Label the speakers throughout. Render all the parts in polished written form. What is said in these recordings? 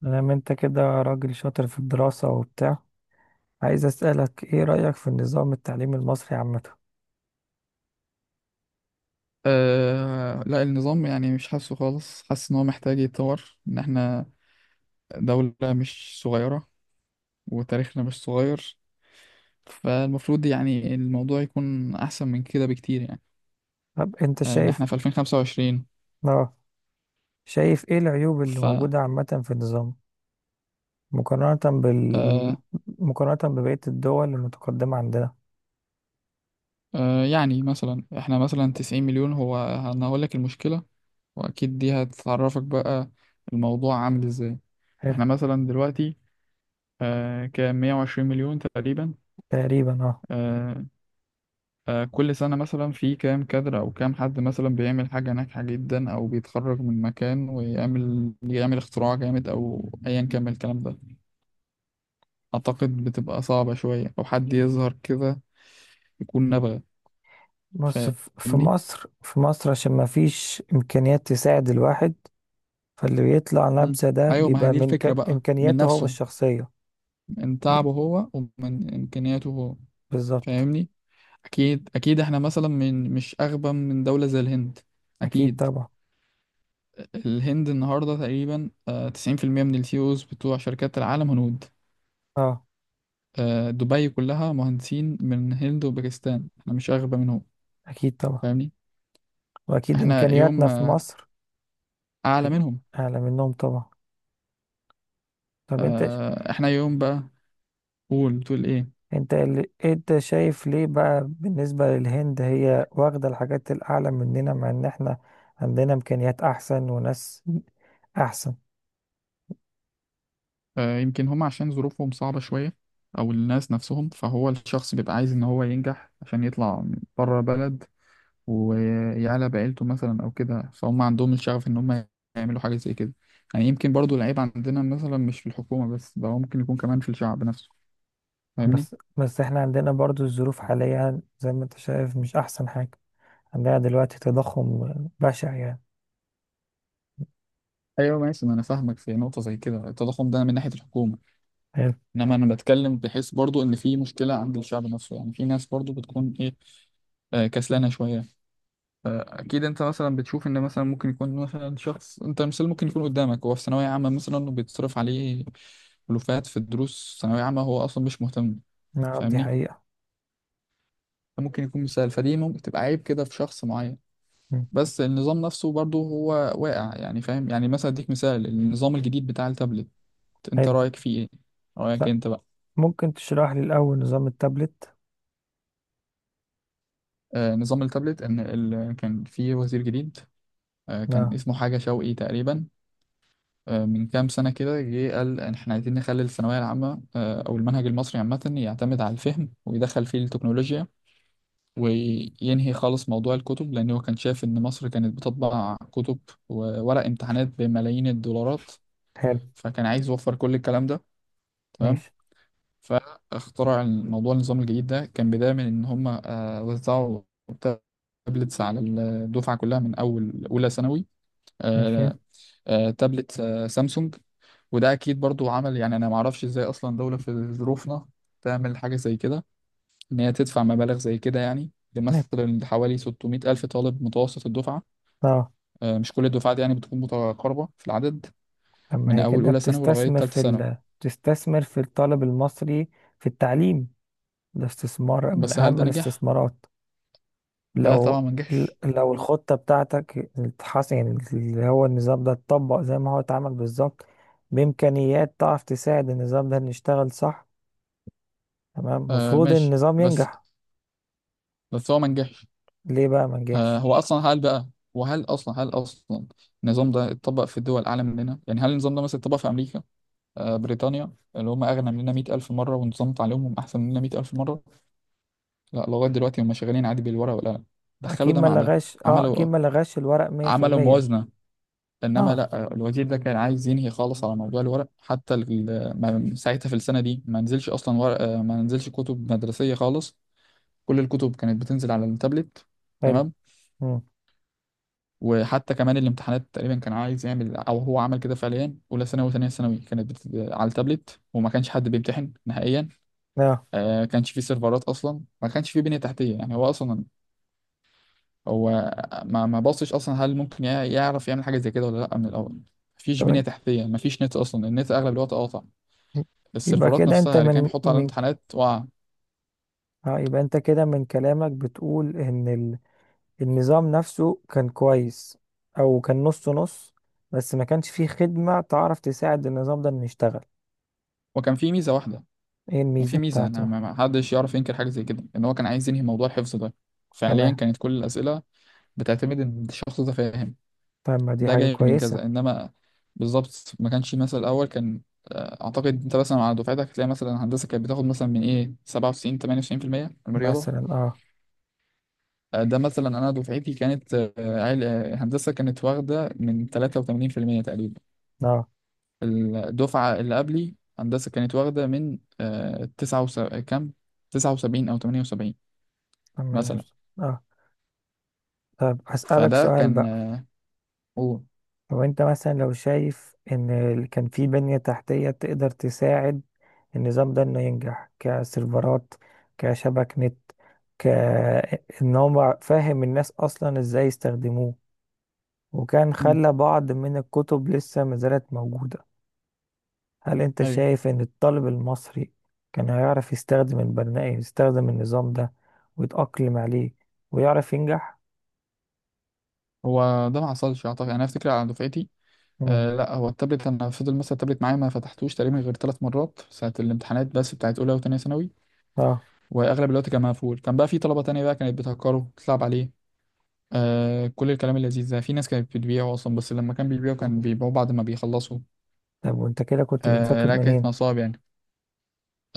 Speaker 1: مادام انت كده راجل شاطر في الدراسة وبتاع، عايز اسألك ايه رأيك في النظام التعليمي المصري عامة؟
Speaker 2: أه لا، النظام يعني مش حاسه خالص حاسس ان هو محتاج يتطور. ان احنا دولة مش صغيرة، وتاريخنا مش صغير. فالمفروض يعني الموضوع يكون احسن من كده بكتير يعني
Speaker 1: طب انت
Speaker 2: ان
Speaker 1: شايف.
Speaker 2: احنا في 2025.
Speaker 1: اه. شايف ايه العيوب اللي
Speaker 2: ف
Speaker 1: موجودة عامة في النظام، مقارنة بال
Speaker 2: آه،
Speaker 1: مقارنة ببقية الدول المتقدمة عندنا؟
Speaker 2: آه، يعني مثلا احنا مثلا 90 مليون، انا هقول لك المشكلة، واكيد دي هتعرفك بقى الموضوع عامل ازاي.
Speaker 1: حلو.
Speaker 2: احنا مثلا دلوقتي كام؟ 120 مليون تقريبا.
Speaker 1: تقريبا، اه.
Speaker 2: آه، كل سنة مثلا في كام كادر أو كام حد مثلا بيعمل حاجة ناجحة جدا أو بيتخرج من مكان ويعمل اختراع جامد أو أيا كان من الكلام ده. أعتقد بتبقى صعبة شوية أو حد يظهر كده يكون نابغة.
Speaker 1: بص. ف- في
Speaker 2: فاهمني؟
Speaker 1: مصر في مصر عشان ما فيش إمكانيات تساعد الواحد. فاللي بيطلع
Speaker 2: مم.
Speaker 1: نبذة ده
Speaker 2: أيوة، ما هي
Speaker 1: بيبقى
Speaker 2: دي
Speaker 1: من
Speaker 2: الفكرة بقى، من
Speaker 1: إمكانياته هو
Speaker 2: نفسه،
Speaker 1: الشخصية.
Speaker 2: من
Speaker 1: ب-
Speaker 2: تعبه هو ومن إمكانياته هو.
Speaker 1: بالظبط.
Speaker 2: فاهمني؟ أكيد أكيد إحنا مثلا من مش أغبى من دولة زي الهند،
Speaker 1: أكيد
Speaker 2: أكيد.
Speaker 1: طبعا.
Speaker 2: الهند النهاردة تقريبا 90% من السي اوز بتوع شركات العالم هنود.
Speaker 1: اه.
Speaker 2: دبي كلها مهندسين من الهند وباكستان، احنا مش أغبى منهم.
Speaker 1: أكيد طبعا.
Speaker 2: فاهمني.
Speaker 1: وأكيد
Speaker 2: احنا
Speaker 1: إمكانياتنا
Speaker 2: يوم
Speaker 1: في مصر
Speaker 2: أعلى
Speaker 1: أكيد
Speaker 2: منهم.
Speaker 1: أعلى منهم طبعا. طب
Speaker 2: احنا يوم بقى. قول، بتقول ايه؟
Speaker 1: أنت شايف ليه بقى بالنسبة للهند هي واخدة الحاجات الأعلى مننا مع إن إحنا عندنا إمكانيات أحسن وناس أحسن.
Speaker 2: يمكن هم عشان ظروفهم صعبة شوية، أو الناس نفسهم، فهو الشخص بيبقى عايز إن هو ينجح عشان يطلع بره بلد ويعلى بعيلته مثلا او كده. فهم عندهم الشغف ان هم يعملوا حاجه زي كده. يعني يمكن برضو العيب عندنا مثلا مش في الحكومه بس، ده هو ممكن يكون كمان في الشعب نفسه. فاهمني.
Speaker 1: بس احنا عندنا برضو الظروف حاليا زي ما انت شايف مش احسن حاجة. عندنا دلوقتي تضخم بشع يعني.
Speaker 2: ايوه ماشي، ما انا فاهمك في نقطه زي كده، التضخم ده من ناحيه الحكومه،
Speaker 1: حلو.
Speaker 2: انما انا بتكلم بحيث برضو ان في مشكله عند الشعب نفسه. يعني في ناس برضو بتكون ايه، كسلانه شويه. اكيد انت مثلا بتشوف ان مثلا ممكن يكون مثلا شخص، انت مثال، ممكن يكون قدامك هو في ثانويه عامه مثلا وبيتصرف عليه ألوفات في الدروس، ثانويه عامه هو اصلا مش مهتم.
Speaker 1: نعم، دي
Speaker 2: فاهمني.
Speaker 1: حقيقة.
Speaker 2: ممكن يكون مثال، فدي ممكن تبقى عيب كده في شخص معين.
Speaker 1: مم.
Speaker 2: بس النظام نفسه برضه هو واقع يعني. فاهم، يعني مثلا اديك مثال النظام الجديد بتاع التابلت، انت
Speaker 1: حلو.
Speaker 2: رأيك فيه ايه؟ رأيك
Speaker 1: لا.
Speaker 2: انت بقى.
Speaker 1: ممكن تشرح لي الأول نظام التابلت؟
Speaker 2: نظام التابلت، ان كان في وزير جديد كان
Speaker 1: اه.
Speaker 2: اسمه حاجة شوقي تقريبا، من كام سنة كده جه قال ان احنا عايزين نخلي الثانوية العامة او المنهج المصري عامة يعتمد على الفهم ويدخل فيه التكنولوجيا، وينهي خالص موضوع الكتب، لأن هو كان شايف إن مصر كانت بتطبع كتب وورق امتحانات بملايين الدولارات.
Speaker 1: حلو.
Speaker 2: فكان عايز يوفر كل الكلام ده. تمام.
Speaker 1: ماشي.
Speaker 2: فاخترع الموضوع. النظام الجديد ده كان بداية من إن هم وزعوا تابلتس على الدفعة كلها من أول أولى ثانوي.
Speaker 1: ماشي.
Speaker 2: آه، تابلت سامسونج. وده أكيد برضو عمل يعني، أنا معرفش إزاي أصلا دولة في ظروفنا تعمل حاجة زي كده، إن هي تدفع مبالغ زي كده يعني
Speaker 1: نعم.
Speaker 2: لمثلا حوالي 600 ألف طالب متوسط الدفعة.
Speaker 1: اه.
Speaker 2: مش كل الدفعات يعني بتكون متقاربة في العدد،
Speaker 1: لما
Speaker 2: من
Speaker 1: هي
Speaker 2: أول
Speaker 1: كده
Speaker 2: أولى ثانوي لغاية
Speaker 1: بتستثمر
Speaker 2: تالتة ثانوي.
Speaker 1: بتستثمر في الطالب المصري، في التعليم، ده استثمار من
Speaker 2: بس هل
Speaker 1: أهم
Speaker 2: ده نجح؟
Speaker 1: الاستثمارات.
Speaker 2: ده طبعا
Speaker 1: لو
Speaker 2: ما نجحش.
Speaker 1: لو الخطة بتاعتك اتحسن، يعني اللي هو النظام ده اتطبق زي ما هو اتعمل بالظبط، بإمكانيات تعرف تساعد النظام ده إن يشتغل صح، تمام، المفروض
Speaker 2: ماشي،
Speaker 1: النظام
Speaker 2: بس
Speaker 1: ينجح.
Speaker 2: هو ما نجحش.
Speaker 1: ليه بقى ما
Speaker 2: آه
Speaker 1: نجحش؟
Speaker 2: هو أصلا هل بقى وهل أصلا هل أصلا النظام ده اتطبق في الدول أعلى مننا؟ يعني هل النظام ده مثلا اتطبق في أمريكا؟ بريطانيا اللي هم أغنى مننا 100 ألف مرة ونظام تعليمهم أحسن مننا 100 ألف مرة؟ لا، لغاية دلوقتي هم شغالين عادي بالورقة والقلم، دخلوا
Speaker 1: أكيد
Speaker 2: ده
Speaker 1: ما
Speaker 2: مع ده،
Speaker 1: لغاش، اه، أكيد
Speaker 2: عملوا
Speaker 1: ما لغاش الورق مية في المية
Speaker 2: موازنة. إنما
Speaker 1: اه.
Speaker 2: لا، الوزير ده كان عايز ينهي خالص على موضوع الورق، حتى ساعتها في السنة دي ما نزلش أصلا ورق، ما نزلش كتب مدرسية خالص. كل الكتب كانت بتنزل على التابلت.
Speaker 1: حلو.
Speaker 2: تمام.
Speaker 1: مم.
Speaker 2: وحتى كمان الامتحانات تقريبا كان عايز يعمل، أو هو عمل كده فعليا. أولى ثانوي وثانية ثانوي كانت على التابلت، وما كانش حد بيمتحن نهائيا.
Speaker 1: اه.
Speaker 2: كانش فيه سيرفرات أصلا، ما كانش فيه بنية تحتية يعني. هو أصلا هو ما بصش اصلا هل ممكن يعرف يعمل حاجه زي كده ولا لا من الاول. مفيش بنيه
Speaker 1: تمام.
Speaker 2: تحتيه، مفيش نت اصلا، النت اغلب الوقت قاطع.
Speaker 1: يبقى
Speaker 2: السيرفرات
Speaker 1: كده انت
Speaker 2: نفسها اللي كان
Speaker 1: من
Speaker 2: بيحط على
Speaker 1: من
Speaker 2: الامتحانات وقع.
Speaker 1: اه يبقى انت كده من كلامك بتقول ان النظام نفسه كان كويس، او كان نص نص، بس ما كانش فيه خدمة تعرف تساعد النظام ده انه يشتغل.
Speaker 2: وكان في ميزه واحده.
Speaker 1: ايه
Speaker 2: كان
Speaker 1: الميزة
Speaker 2: في ميزه، انا
Speaker 1: بتاعته؟
Speaker 2: ما حدش يعرف ينكر حاجه زي كده، ان هو كان عايز ينهي موضوع الحفظ ده. فعليا
Speaker 1: تمام.
Speaker 2: كانت كل الاسئله بتعتمد ان الشخص ده فاهم،
Speaker 1: طب ما دي
Speaker 2: ده
Speaker 1: حاجة
Speaker 2: جاي من
Speaker 1: كويسة.
Speaker 2: كذا. انما بالظبط ما كانش مثلا. الاول كان اعتقد انت مثلا على دفعتك هتلاقي مثلا هندسه كانت بتاخد مثلا من ايه 97 98% من الرياضه.
Speaker 1: مثلا. اه.
Speaker 2: ده مثلا انا دفعتي كانت هندسه كانت واخده من 83% تقريبا.
Speaker 1: اه.
Speaker 2: الدفعه اللي قبلي هندسه كانت واخده من كام، 79 او 78
Speaker 1: تمام يا
Speaker 2: مثلا.
Speaker 1: أستاذ. اه. طب هسألك
Speaker 2: فده
Speaker 1: سؤال
Speaker 2: كان
Speaker 1: بقى.
Speaker 2: قول.
Speaker 1: لو انت مثلا لو شايف ان كان في بنية تحتية تقدر تساعد النظام ده انه ينجح، كسيرفرات، كشبك نت، كان هو فاهم الناس اصلا ازاي يستخدموه، وكان
Speaker 2: مم.
Speaker 1: خلى بعض من الكتب لسه ما زالت موجودة، هل أنت
Speaker 2: ايوه،
Speaker 1: شايف إن الطالب المصري كان هيعرف يستخدم البرنامج يستخدم النظام ده ويتأقلم عليه ويعرف ينجح؟
Speaker 2: هو ده ما حصلش اعتقد، يعني انا افتكر على دفعتي.
Speaker 1: مم.
Speaker 2: لا، هو التابلت، انا فضل مثلا التابلت معايا ما فتحتوش تقريبا غير ثلاث مرات، ساعه الامتحانات بس، بتاعت اولى وثانيه ثانوي.
Speaker 1: اه.
Speaker 2: واغلب الوقت كان مقفول. كان بقى في طلبه تانية بقى كانت بتهكره تلعب عليه كل الكلام اللذيذ ده. في ناس كانت بتبيعه أصلا، بس لما كان بيبيعه كان بيبيعوه بعد ما بيخلصوا.
Speaker 1: طب وأنت كده كنت بتذاكر
Speaker 2: لا، كانت
Speaker 1: منين؟
Speaker 2: نصاب يعني.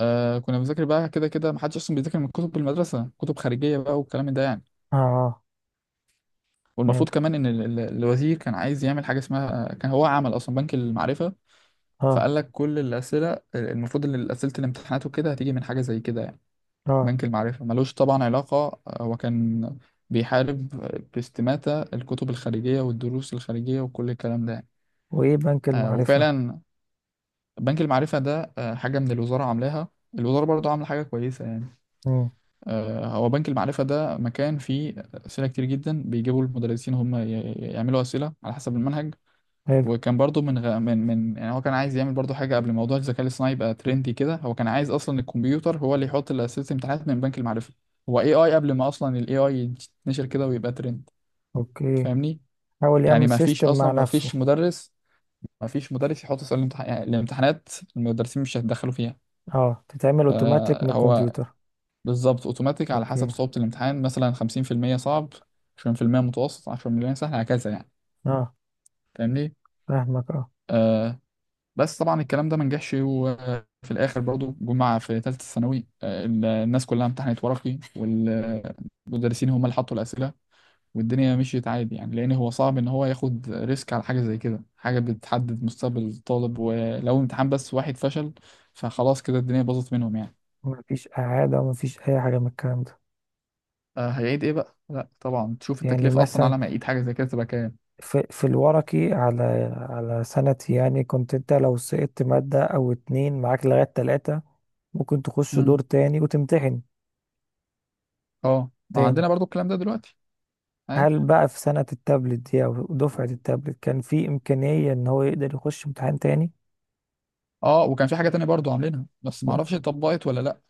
Speaker 2: كنا بنذاكر بقى كده كده، محدش أصلا بيذاكر من كتب المدرسة، كتب خارجية بقى والكلام ده يعني.
Speaker 1: اه. اه. فهمت.
Speaker 2: والمفروض كمان إن الوزير كان عايز يعمل حاجة اسمها، كان هو عمل أصلا بنك المعرفة.
Speaker 1: اه.
Speaker 2: فقال لك كل الأسئلة المفروض إن أسئلة الامتحانات وكده هتيجي من حاجة زي كده يعني.
Speaker 1: اه.
Speaker 2: بنك المعرفة ملوش طبعا علاقة. هو كان بيحارب باستماتة الكتب الخارجية والدروس الخارجية وكل الكلام ده يعني.
Speaker 1: وإيه بنك المعرفة؟
Speaker 2: وفعلا بنك المعرفة ده حاجة من الوزارة عاملاها، الوزارة برضو عاملة حاجة كويسة يعني.
Speaker 1: مم.
Speaker 2: هو بنك المعرفة ده مكان فيه أسئلة كتير جدا، بيجيبوا المدرسين هم يعملوا أسئلة على حسب المنهج.
Speaker 1: حلو.
Speaker 2: وكان برضو من غ... من من يعني، هو كان عايز يعمل برضو حاجة قبل موضوع الذكاء الاصطناعي يبقى ترندي كده. هو كان عايز أصلا الكمبيوتر هو اللي يحط أسئلة الامتحانات من بنك المعرفة، هو اي اي، قبل ما أصلا الاي اي يتنشر كده ويبقى ترند.
Speaker 1: أوكي.
Speaker 2: فاهمني.
Speaker 1: حاول
Speaker 2: يعني
Speaker 1: يعمل سيستم مع نفسه.
Speaker 2: ما فيش مدرس يحط أسئلة يعني الامتحانات. المدرسين مش هيتدخلوا فيها.
Speaker 1: اه، تتعمل اوتوماتيك من
Speaker 2: هو
Speaker 1: الكمبيوتر.
Speaker 2: بالظبط اوتوماتيك، على حسب
Speaker 1: اوكي.
Speaker 2: صعوبة الامتحان مثلا 50% صعب 20% متوسط 10% سهل هكذا يعني.
Speaker 1: اه.
Speaker 2: فاهمني.
Speaker 1: فاهمك. اه.
Speaker 2: آه. بس طبعا الكلام ده ما نجحش، وفي الاخر برضو جمعة في ثالثة ثانوي الناس كلها امتحنت ورقي والمدرسين هم اللي حطوا الأسئلة، والدنيا مشيت عادي يعني. لأن هو صعب إن هو ياخد ريسك على حاجة زي كده، حاجة بتحدد مستقبل الطالب، ولو امتحان بس واحد فشل فخلاص كده الدنيا باظت منهم يعني.
Speaker 1: مفيش إعادة ومفيش أي حاجة من الكلام ده؟
Speaker 2: هيعيد ايه بقى؟ لا طبعا، تشوف
Speaker 1: يعني
Speaker 2: التكلفه اصلا
Speaker 1: مثلا
Speaker 2: على ما يعيد حاجه زي كده تبقى كام.
Speaker 1: في الورقي، على سنتي يعني كنت انت لو سقطت مادة او اتنين معاك لغاية تلاتة، ممكن تخش دور
Speaker 2: مم.
Speaker 1: تاني وتمتحن
Speaker 2: اه، ما
Speaker 1: تاني.
Speaker 2: عندنا برضو الكلام ده دلوقتي عادي.
Speaker 1: هل بقى في سنة التابلت دي او دفعة التابلت كان في امكانية ان هو يقدر يخش امتحان تاني؟
Speaker 2: اه، وكان في حاجه تانية برضو عاملينها بس ما اعرفش اتطبقت ولا لا.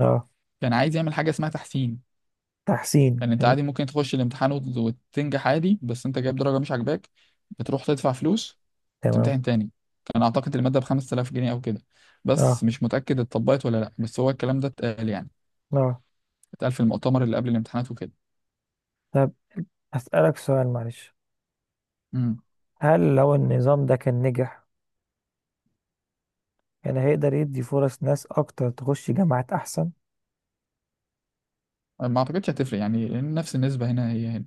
Speaker 1: اه.
Speaker 2: كان عايز يعمل حاجه اسمها تحسين.
Speaker 1: تحسين.
Speaker 2: يعني انت عادي ممكن تخش الامتحان وتنجح عادي، بس انت جايب درجه مش عاجباك بتروح تدفع فلوس،
Speaker 1: تمام.
Speaker 2: تمتحن تاني. كان اعتقد الماده ب 5000 جنيه او كده، بس
Speaker 1: اه.
Speaker 2: مش متاكد اتطبقت ولا لا، بس هو الكلام ده اتقال يعني،
Speaker 1: اه.
Speaker 2: اتقال في المؤتمر اللي قبل الامتحانات وكده.
Speaker 1: طب اسألك سؤال معلش. هل لو النظام ده كان نجح كان هيقدر يدي فرص ناس اكتر تخش جامعات احسن؟
Speaker 2: ما اعتقدش هتفرق يعني، لان نفس النسبه هنا هي هنا.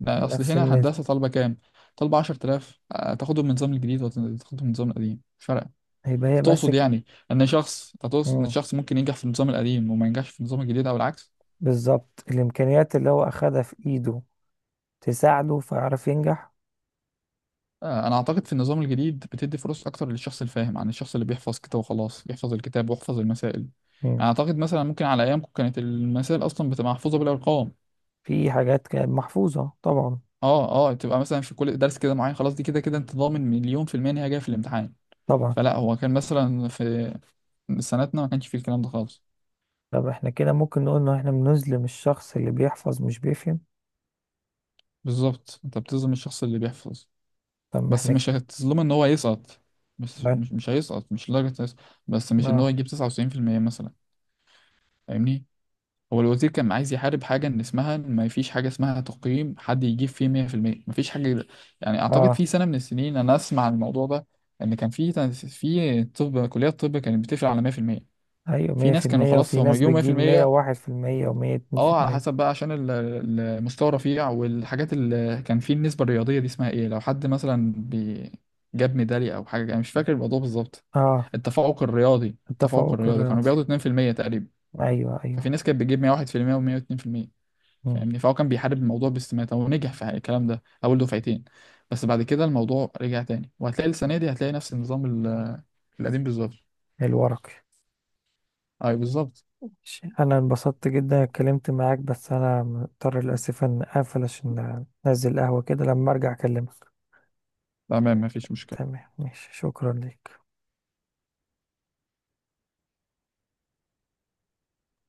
Speaker 2: لا،
Speaker 1: من
Speaker 2: اصل
Speaker 1: نفس
Speaker 2: هنا
Speaker 1: النسبة.
Speaker 2: هندسه طالبه كام؟ طالبه 10,000. تاخدهم من النظام الجديد ولا تاخدهم من النظام القديم، مش فارقه.
Speaker 1: هيبقى هي بس
Speaker 2: تقصد
Speaker 1: ك...
Speaker 2: يعني ان شخص، تقصد ان
Speaker 1: مم.
Speaker 2: الشخص ممكن ينجح في النظام القديم وما ينجحش في النظام الجديد او العكس؟
Speaker 1: بالظبط، الإمكانيات اللي هو أخدها في إيده تساعده فيعرف ينجح.
Speaker 2: انا اعتقد في النظام الجديد بتدي فرص اكتر للشخص الفاهم عن الشخص اللي بيحفظ كده وخلاص، يحفظ الكتاب ويحفظ المسائل.
Speaker 1: مم.
Speaker 2: يعني اعتقد مثلا ممكن على ايامكم كانت المسائل اصلا بتبقى محفوظه بالارقام.
Speaker 1: في حاجات كانت محفوظة طبعا.
Speaker 2: اه اه، تبقى مثلا في كل درس كده معين خلاص، دي كده كده انت ضامن مليون في المية ان هي جايه في الامتحان.
Speaker 1: طبعا.
Speaker 2: فلا، هو كان مثلا في سنتنا ما كانش فيه الكلام ده خالص.
Speaker 1: طب احنا كده ممكن نقول إن احنا بنظلم الشخص اللي بيحفظ مش بيفهم؟
Speaker 2: بالظبط، انت بتظلم الشخص اللي بيحفظ،
Speaker 1: طب ما
Speaker 2: بس
Speaker 1: احنا
Speaker 2: مش هتظلمه ان هو يسقط. بس
Speaker 1: اه،
Speaker 2: مش هيسقط، مش لدرجة يسقط، بس مش ان هو
Speaker 1: اه،
Speaker 2: يجيب 99% مثلا. فاهمني. هو الوزير كان عايز يحارب حاجة ان اسمها إن ما فيش حاجة اسمها تقييم حد يجيب فيه 100%، ما فيش حاجة. يعني اعتقد
Speaker 1: آه.
Speaker 2: في سنة من السنين انا اسمع عن الموضوع ده، ان كان في طب، كليات طب كانت بتقفل على 100% في المية،
Speaker 1: أيوة،
Speaker 2: في
Speaker 1: مية في
Speaker 2: ناس كانوا
Speaker 1: المية
Speaker 2: خلاص
Speaker 1: وفي
Speaker 2: هما
Speaker 1: ناس
Speaker 2: جيبوا
Speaker 1: بتجيب مية
Speaker 2: 100%.
Speaker 1: وواحد في المية ومية اتنين في
Speaker 2: اه، على
Speaker 1: المية.
Speaker 2: حسب بقى عشان المستوى رفيع. والحاجات اللي كان فيه، النسبة الرياضية دي اسمها ايه، لو حد مثلا جاب ميدالية او حاجة، انا مش فاكر الموضوع بالظبط.
Speaker 1: اه.
Speaker 2: التفوق
Speaker 1: التفوق
Speaker 2: الرياضي كانوا
Speaker 1: الرياضي.
Speaker 2: بياخدوا 2% تقريبا.
Speaker 1: أيوة،
Speaker 2: ففي
Speaker 1: أيوة.
Speaker 2: ناس كانت بتجيب 101% و102%.
Speaker 1: مم.
Speaker 2: فاهمني. فهو كان بيحارب الموضوع باستماتة ونجح في الكلام ده اول دفعتين، بس بعد كده الموضوع رجع تاني، وهتلاقي السنة دي هتلاقي نفس النظام القديم بالظبط.
Speaker 1: الورقي.
Speaker 2: ايوه بالظبط.
Speaker 1: ماشي. انا انبسطت جدا اتكلمت معاك، بس انا مضطر للاسف ان اقفل عشان انزل قهوة كده، لما ارجع اكلمك.
Speaker 2: تمام، مفيش مشكلة.
Speaker 1: تمام. ماشي. شكرا ليك.